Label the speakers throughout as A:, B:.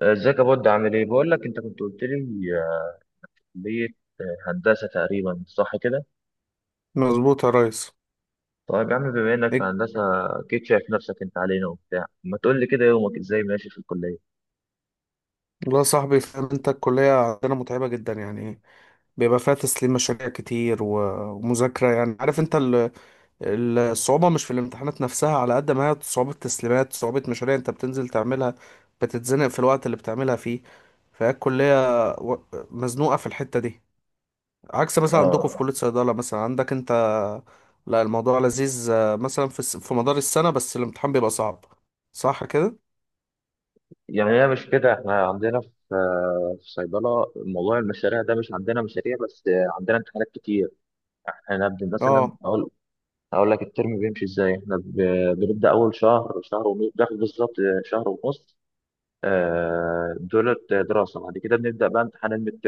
A: ازيك يا بود؟ عامل ايه؟ بقول لك انت كنت قلت لي آه، كليه. هندسه تقريبا، صح كده؟
B: مظبوط يا ريس.
A: طيب يا عم، بما انك في
B: إيه؟
A: هندسه اكيد شايف نفسك انت علينا وبتاع. ما تقول لي كده يومك ازاي ماشي في الكليه؟
B: والله يا صاحبي، فاهم انت الكلية عندنا متعبة جدا يعني. بيبقى فيها تسليم مشاريع كتير ومذاكرة، يعني عارف انت الصعوبة مش في الامتحانات نفسها، على قد ما هي صعوبة تسليمات، صعوبة مشاريع انت بتنزل تعملها، بتتزنق في الوقت اللي بتعملها فيه. فهي الكلية و- مزنوقة في الحتة دي، عكس مثلا عندكم في
A: اه،
B: كلية صيدلة، مثلا عندك انت لا الموضوع لذيذ. مثلا في في مدار السنة بس الامتحان بيبقى صعب. صح كده؟
A: يعني هي مش كده. احنا عندنا في صيدله موضوع المشاريع ده، مش عندنا مشاريع بس، عندنا امتحانات كتير. احنا نبدا مثلا
B: اه.
A: اقول. هقول لك الترم بيمشي ازاي. احنا بنبدا اول شهر، شهر ونص بناخد بالظبط، شهر ونص. دولت دراسه. بعد كده بنبدا بقى امتحان الميد.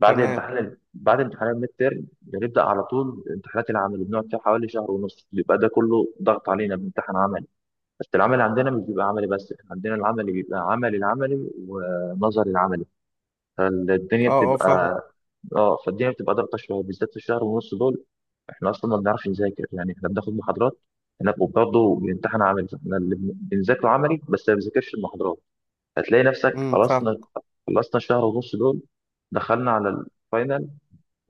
B: تمام.
A: بعد امتحان الميد تيرم بنبدا على طول امتحانات العمل، بنقعد فيها حوالي شهر ونص. بيبقى ده كله ضغط علينا، بنمتحن عملي. بس العمل عندنا مش بيبقى عملي بس، احنا عندنا العملي بيبقى عملي، العملي ونظري العملي، فالدنيا
B: اه اه، فاهم.
A: بتبقى. اه، فالدنيا بتبقى ضغطه شويه بالذات في الشهر ونص دول. احنا اصلا ما بنعرفش نذاكر، يعني احنا بناخد محاضرات. احنا برضه بنمتحن عملي، فاحنا اللي بنذاكره عملي بس، ما بنذاكرش المحاضرات. هتلاقي نفسك
B: فاهم.
A: خلصنا، خلصنا الشهر ونص دول، دخلنا على الفاينل.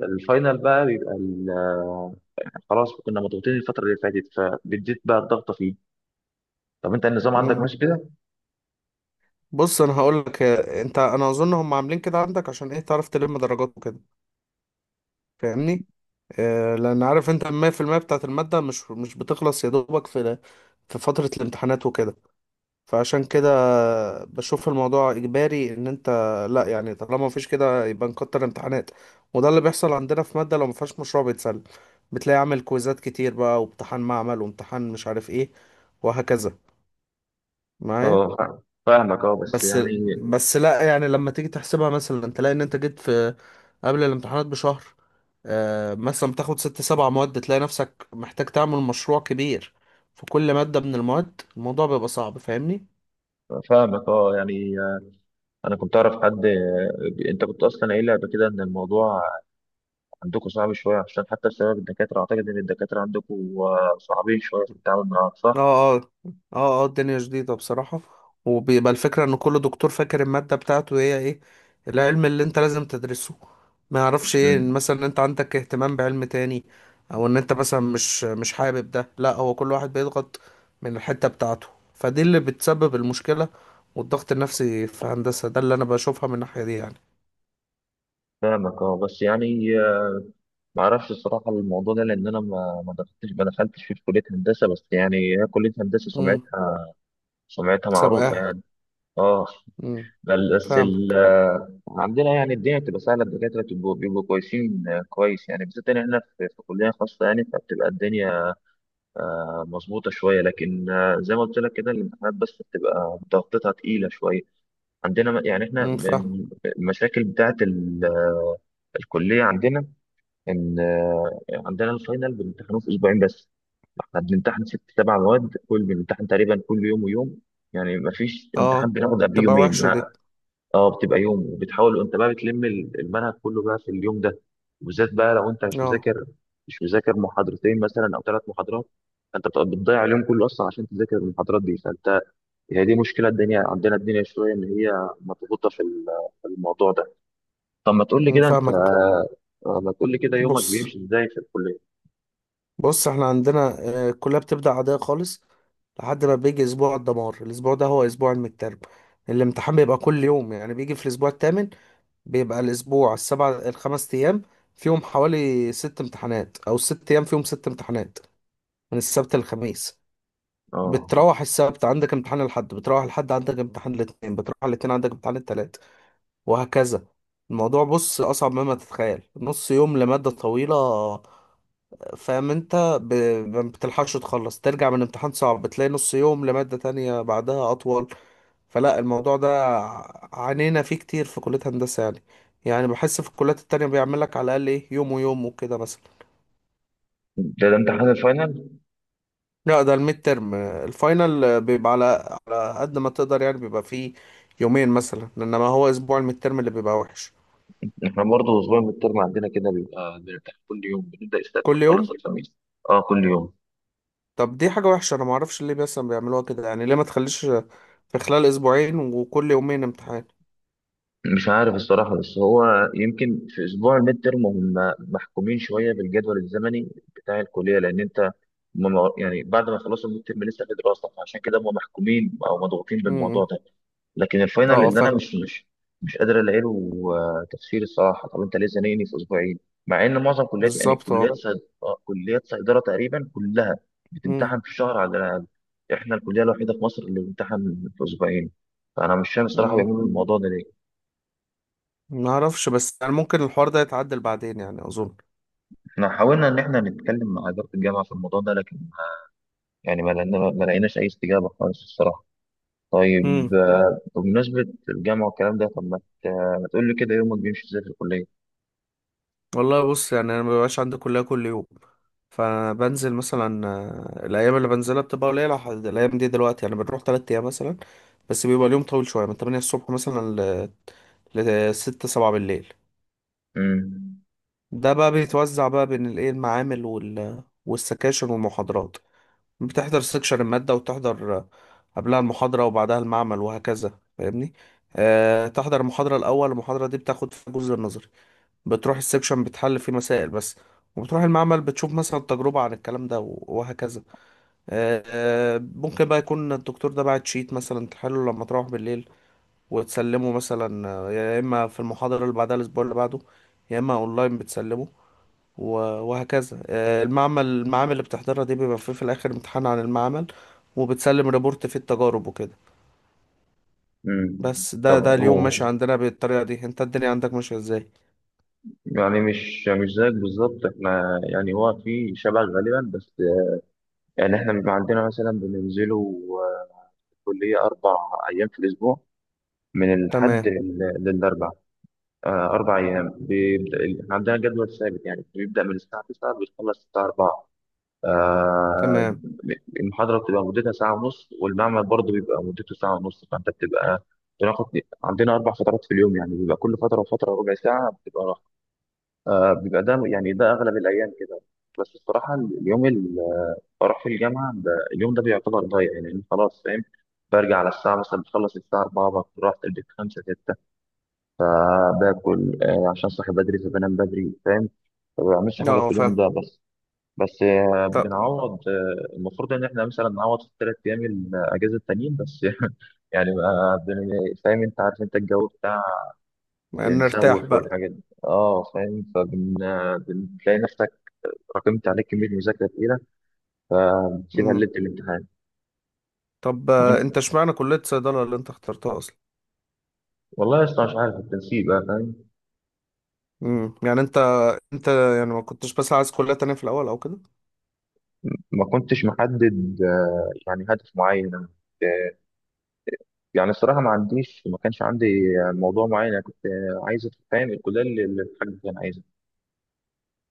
A: الفاينل بقى بيبقى خلاص، كنا مضغوطين الفترة اللي فاتت، فبديت بقى الضغطة فيه. طب انت النظام عندك
B: امم
A: ماشي كده؟
B: بص، انا هقول لك، انت انا اظن هم عاملين كده عندك عشان ايه؟ تعرف تلم درجات وكده. فاهمني؟ آه، لان عارف انت المية في المية بتاعت المادة مش بتخلص يا دوبك في فترة الامتحانات وكده. فعشان كده بشوف الموضوع اجباري ان انت، لا يعني طالما مفيش كده يبقى نكتر امتحانات. وده اللي بيحصل عندنا في مادة لو مفيهاش مشروع بيتسلم، بتلاقي عامل كويزات كتير بقى، وامتحان معمل، وامتحان مش عارف ايه، وهكذا معايا.
A: اه، فاهمك. اه بس
B: بس،
A: يعني.
B: بس لا يعني لما تيجي تحسبها مثلا تلاقي ان انت جيت في قبل الامتحانات بشهر. مثلا بتاخد ست سبع مواد تلاقي نفسك محتاج تعمل مشروع كبير في كل مادة من المواد. الموضوع بيبقى صعب، فاهمني؟
A: فاهمك. اه يعني انا كنت اعرف حد. انت كنت اصلا قايل لي قبل كده ان الموضوع عندكم صعب شويه، عشان حتى بسبب الدكاتره اعتقد ان الدكاتره عندكم صعبين شويه في التعامل معاهم، صح؟
B: اه اه. اه اه، الدنيا جديدة بصراحة. وبيبقى الفكرة ان كل دكتور فاكر المادة بتاعته هي ايه العلم اللي انت لازم تدرسه. ما يعرفش ايه، إن
A: مم.
B: مثلا انت عندك اهتمام بعلم تاني، او ان انت مثلا مش حابب ده. لا، هو كل واحد بيضغط من الحتة بتاعته، فدي اللي بتسبب المشكلة والضغط النفسي في هندسة. ده اللي انا بشوفها من الناحية دي يعني.
A: فاهمك. اه بس يعني، ما اعرفش الصراحه الموضوع ده، لان انا ما دخلتش، في كليه هندسه بس يعني. هي كليه هندسه
B: امم
A: سمعتها، معروفة
B: سابقاها.
A: يعني. اه،
B: امم
A: بل بس
B: فاهم.
A: ال آه، عندنا يعني الدنيا بتبقى سهلة، الدكاترة بيبقوا كويسين، كويس يعني، بالذات إن إحنا في كلية خاصة، يعني فبتبقى الدنيا مظبوطة شوية. لكن زي ما قلت لك كده الامتحانات بس بتبقى ضغطتها تقيلة شوية. عندنا يعني إحنا
B: فاهم.
A: من المشاكل بتاعة الكلية عندنا، إن عندنا الفاينل بنمتحنه في أسبوعين بس. احنا بنمتحن ست سبع مواد، كل بنمتحن تقريبا كل يوم ويوم. يعني ما فيش امتحان
B: اه،
A: بناخد قبل
B: تبقى
A: يومين.
B: وحشة دي.
A: اه، بتبقى يوم وبتحاول وانت بقى بتلم المنهج كله بقى في اليوم ده. وبالذات بقى لو انت
B: اه.
A: مش مذاكر محاضرتين مثلا، او ثلاث محاضرات. فانت بتبقى بتضيع اليوم كله اصلا عشان تذاكر المحاضرات دي، فانت. هي دي مشكله الدنيا عندنا، الدنيا شويه ان هي مضغوطه في الموضوع ده. طب ما تقول لي كده انت،
B: فاهمك.
A: ما تقول لي كده يومك
B: بص،
A: بيمشي ازاي في الكليه؟
B: بص احنا عندنا الكلية بتبدأ عادية خالص لحد ما بيجي اسبوع الدمار. الاسبوع ده هو اسبوع المترم، الامتحان بيبقى كل يوم، يعني بيجي في الاسبوع الثامن. بيبقى الاسبوع السبع، الخمس ايام فيهم حوالي ست امتحانات، او ست ايام فيهم ست امتحانات من السبت للخميس.
A: اه،
B: بتروح السبت عندك امتحان، الاحد بتروح الاحد عندك امتحان، الاثنين بتروح الاثنين عندك امتحان الثلاث، وهكذا. الموضوع، بص، اصعب مما تتخيل. نص يوم لمادة طويلة، فاهم انت؟ ب... ما بتلحقش تخلص ترجع من امتحان صعب، بتلاقي نص يوم لمادة تانية بعدها اطول. فلا الموضوع ده عانينا فيه كتير في كلية هندسة يعني. يعني بحس في الكليات التانية بيعمل لك على الاقل ايه، يوم ويوم وكده مثلا.
A: ده امتحان الفاينل.
B: لا، ده الميد ترم. الفاينل بيبقى على قد ما تقدر يعني، بيبقى فيه يومين مثلا، انما هو اسبوع الميد ترم اللي بيبقى وحش.
A: احنا برضه اسبوع من الترم عندنا كده بيبقى بنمتحن كل يوم، بنبدا السبت
B: كل
A: نخلص
B: يوم.
A: الخميس. اه، كل يوم.
B: طب دي حاجة وحشة، انا معرفش ليه مثلا بيعملوها كده يعني. ليه ما تخليش في خلال اسبوعين وكل يومين امتحان؟
A: مش عارف الصراحة، بس هو يمكن في أسبوع الميد ترم هم محكومين شوية بالجدول الزمني بتاع الكلية، لأن أنت. هم يعني بعد ما خلصوا الميد ترم لسه في دراسة، فعشان كده هم محكومين أو مضغوطين بالموضوع ده. لكن
B: اه
A: الفاينل
B: اه،
A: اللي أنا
B: فاهم.
A: مش قادر ألاقي له تفسير الصراحة. طب أنت ليه زنقني في أسبوعين، مع إن معظم كليات يعني
B: بالظبط، اه.
A: كليات صيدلة تقريبا كلها
B: امم
A: بتمتحن في شهر على الأقل. إحنا الكلية الوحيدة في مصر اللي بتمتحن في أسبوعين. فأنا مش فاهم الصراحة
B: امم
A: بيعملوا الموضوع ده ليه.
B: ما اعرفش، بس يعني ممكن الحوار ده يتعدل بعدين يعني اظن.
A: احنا حاولنا ان احنا نتكلم مع اداره الجامعه في الموضوع ده، لكن يعني ما لقيناش اي استجابه خالص الصراحه. طيب،
B: امم
A: بمناسبه الجامعه والكلام ده، طب ما تقول لي كده يومك بيمشي ازاي في الكليه؟
B: والله بص، يعني انا ما بيبقاش عندي كلية كل يوم. فبنزل مثلا، الايام اللي بنزلها بتبقى قليلة. الايام دي دلوقتي يعني بنروح 3 ايام مثلا، بس بيبقى اليوم طويل شوية، من 8 الصبح مثلا ل 6 7 بالليل.
A: امم
B: ده بقى بيتوزع بقى بين الايه المعامل والسكاشن والمحاضرات. بتحضر سكشن المادة، وتحضر قبلها المحاضرة، وبعدها المعمل، وهكذا. فاهمني؟ أه. تحضر المحاضرة الأول، المحاضرة دي بتاخد في الجزء النظري، بتروح السكشن بتحل فيه مسائل بس، وبتروح المعمل بتشوف مثلا تجربة عن الكلام ده، وهكذا. أه. ممكن بقى يكون الدكتور ده بعت شيت مثلا تحله لما تروح بالليل، وتسلمه مثلا يا إما في المحاضرة اللي بعدها الأسبوع اللي بعده، يا إما أونلاين بتسلمه وهكذا. المعمل، المعامل اللي بتحضرها دي بيبقى فيه في الآخر امتحان عن المعمل، وبتسلم ريبورت فيه التجارب وكده.
A: امم
B: بس ده
A: طب
B: ده اليوم
A: هو
B: ماشي عندنا بالطريقة دي. انت الدنيا عندك ماشية ازاي؟
A: يعني مش زيك بالظبط، احنا يعني هو في شبه غالبا بس. يعني احنا بيبقى عندنا مثلا بننزلوا الكلية 4 أيام في الأسبوع، من الحد
B: تمام.
A: للأربع. 4 أيام. بيبدأ عندنا جدول ثابت يعني، بيبدأ من الساعة 9 بيخلص الساعة 4. آه،
B: تمام.
A: المحاضرة بتبقى مدتها ساعة ونص، والمعمل برضه بيبقى مدته ساعة ونص، فأنت بتبقى بناخد. عندنا أربع فترات في اليوم يعني، بيبقى كل فترة وفترة ربع ساعة بتبقى راحة. بيبقى ده، يعني ده أغلب الأيام كده. بس الصراحة اليوم اللي بروح فيه الجامعة ده، اليوم ده بيعتبر ضايع يعني، لأن خلاص فاهم. برجع على الساعة مثلا بخلص الساعة 4 بكون رحت البيت 5، 6. فباكل، عشان صاحي بدري فبنام بدري، فاهم. ما بعملش حاجه في
B: اه،
A: اليوم
B: فاهم.
A: ده بس. بس
B: طب
A: بنعوض، المفروض ان احنا مثلا نعوض في الثلاث ايام الاجازه التانيين بس يعني ما بن- فاهم انت، عارف انت الجو بتاع.
B: نرتاح
A: بنسوف
B: بقى.
A: والحاجات دي، اه فاهم، فبن آه، بتلاقي نفسك راكمت عليك كميه مذاكره تقيله، فبتسيبها
B: مم.
A: ليله الامتحان.
B: طب انت
A: ممكن-
B: اشمعنى كلية صيدلة اللي انت اخترتها اصلا؟
A: والله يا اسطى، مش عارف التنسيق بقى، فاهم.
B: مم. يعني انت، انت يعني ما كنتش بس عايز كلية تانية في الأول او كده؟
A: ما كنتش محدد يعني هدف معين. يعني الصراحة، ما كانش عندي موضوع معين. أنا كنت عايز أدخل، فاهم، الكلية اللي الحاج كان عايزها.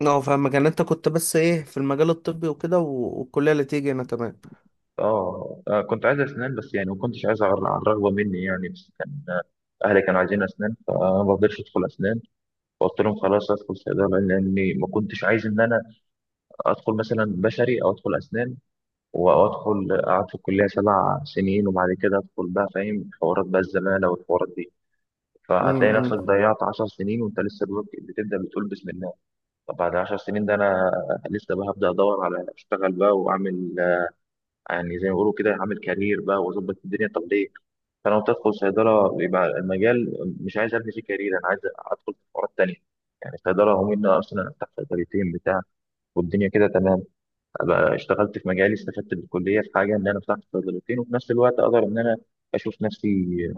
B: اه، فاهمك. يعني انت كنت بس ايه في المجال الطبي وكده والكلية اللي تيجي هنا. تمام.
A: كنت عايز أسنان بس، يعني ما كنتش عايز على على الرغبة مني، يعني بس كان أهلي كانوا عايزين أسنان، فأنا ما رضيتش أدخل أسنان. فقلت لهم خلاص أدخل صيدلة، لأني ما كنتش عايز إن أنا أدخل مثلا بشري أو أدخل أسنان، وأدخل أقعد في الكلية 7 سنين وبعد كده أدخل بقى فاهم، حوارات بقى الزمالة والحوارات دي. فهتلاقي نفسك
B: امم
A: ضيعت 10 سنين وأنت لسه بتبدأ بتقول بسم. طب بعد 10 سنين ده انا لسه بقى هبدا ادور على اشتغل بقى واعمل، يعني زي ما بيقولوا كده، اعمل كارير بقى واظبط الدنيا، طب ليه؟ فانا وأنت ادخل صيدله، يبقى المجال مش عايز ابني فيه كارير، انا عايز ادخل في حوارات تانيه. يعني صيدله، هم ان انا اصلا افتح صيدليتين بتاع، والدنيا كده تمام. أبقى اشتغلت في مجالي، استفدت بالكليه في حاجه ان انا فتحت صيدليتين، وفي نفس الوقت اقدر ان انا اشوف نفسي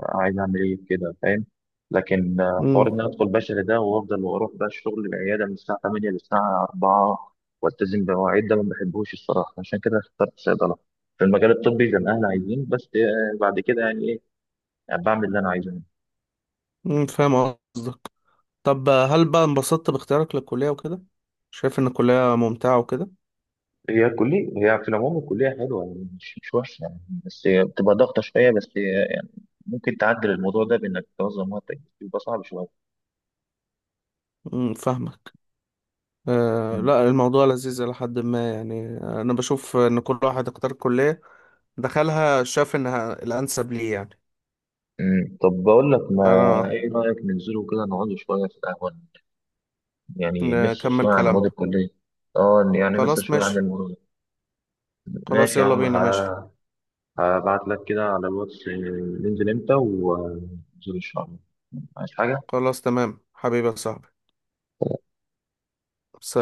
A: عايز اعمل ايه كده، فاهم. لكن حوار ان
B: امم
A: انا ادخل بشري ده، وافضل واروح بقى الشغل العياده من الساعه 8 للساعه 4، والتزم بمواعيد، ده ما بحبوش الصراحه، عشان كده اخترت صيدله في المجال الطبي زي ما احنا عايزين بس. بعد كده يعني ايه، يعني بعمل اللي انا عايزه.
B: فاهم قصدك. طب هل بقى انبسطت باختيارك للكلية وكده؟ شايف إن الكلية ممتعة وكده؟
A: هي الكلية، هي في العموم الكلية حلوة يعني، مش وحشة يعني، بس هي بتبقى ضغطة شوية بس. ممكن تعدل الموضوع ده بانك تنظم وقتك، بس يبقى صعب شويه.
B: فاهمك. آه
A: مم.
B: لا، الموضوع لذيذ إلى حد ما يعني. أنا بشوف إن كل واحد اختار كلية دخلها شاف إنها الأنسب ليه يعني.
A: مم. طب بقول لك، ما
B: أنا
A: ايه رايك ننزلوا كده نقعدوا شويه في القهوه، يعني نفصل
B: نكمل
A: شويه عن
B: كلامنا.
A: مواد الكليه. اه، يعني نفصل
B: خلاص
A: شويه عن
B: ماشي.
A: الموضوع ده.
B: خلاص
A: ماشي يا
B: يلا
A: عم،
B: بينا ماشي.
A: هبعت لك كده على الواتس، ننزل امتى وننزل ان شاء الله. عايز حاجه؟
B: خلاص تمام حبيبي يا صاحبي. سلام.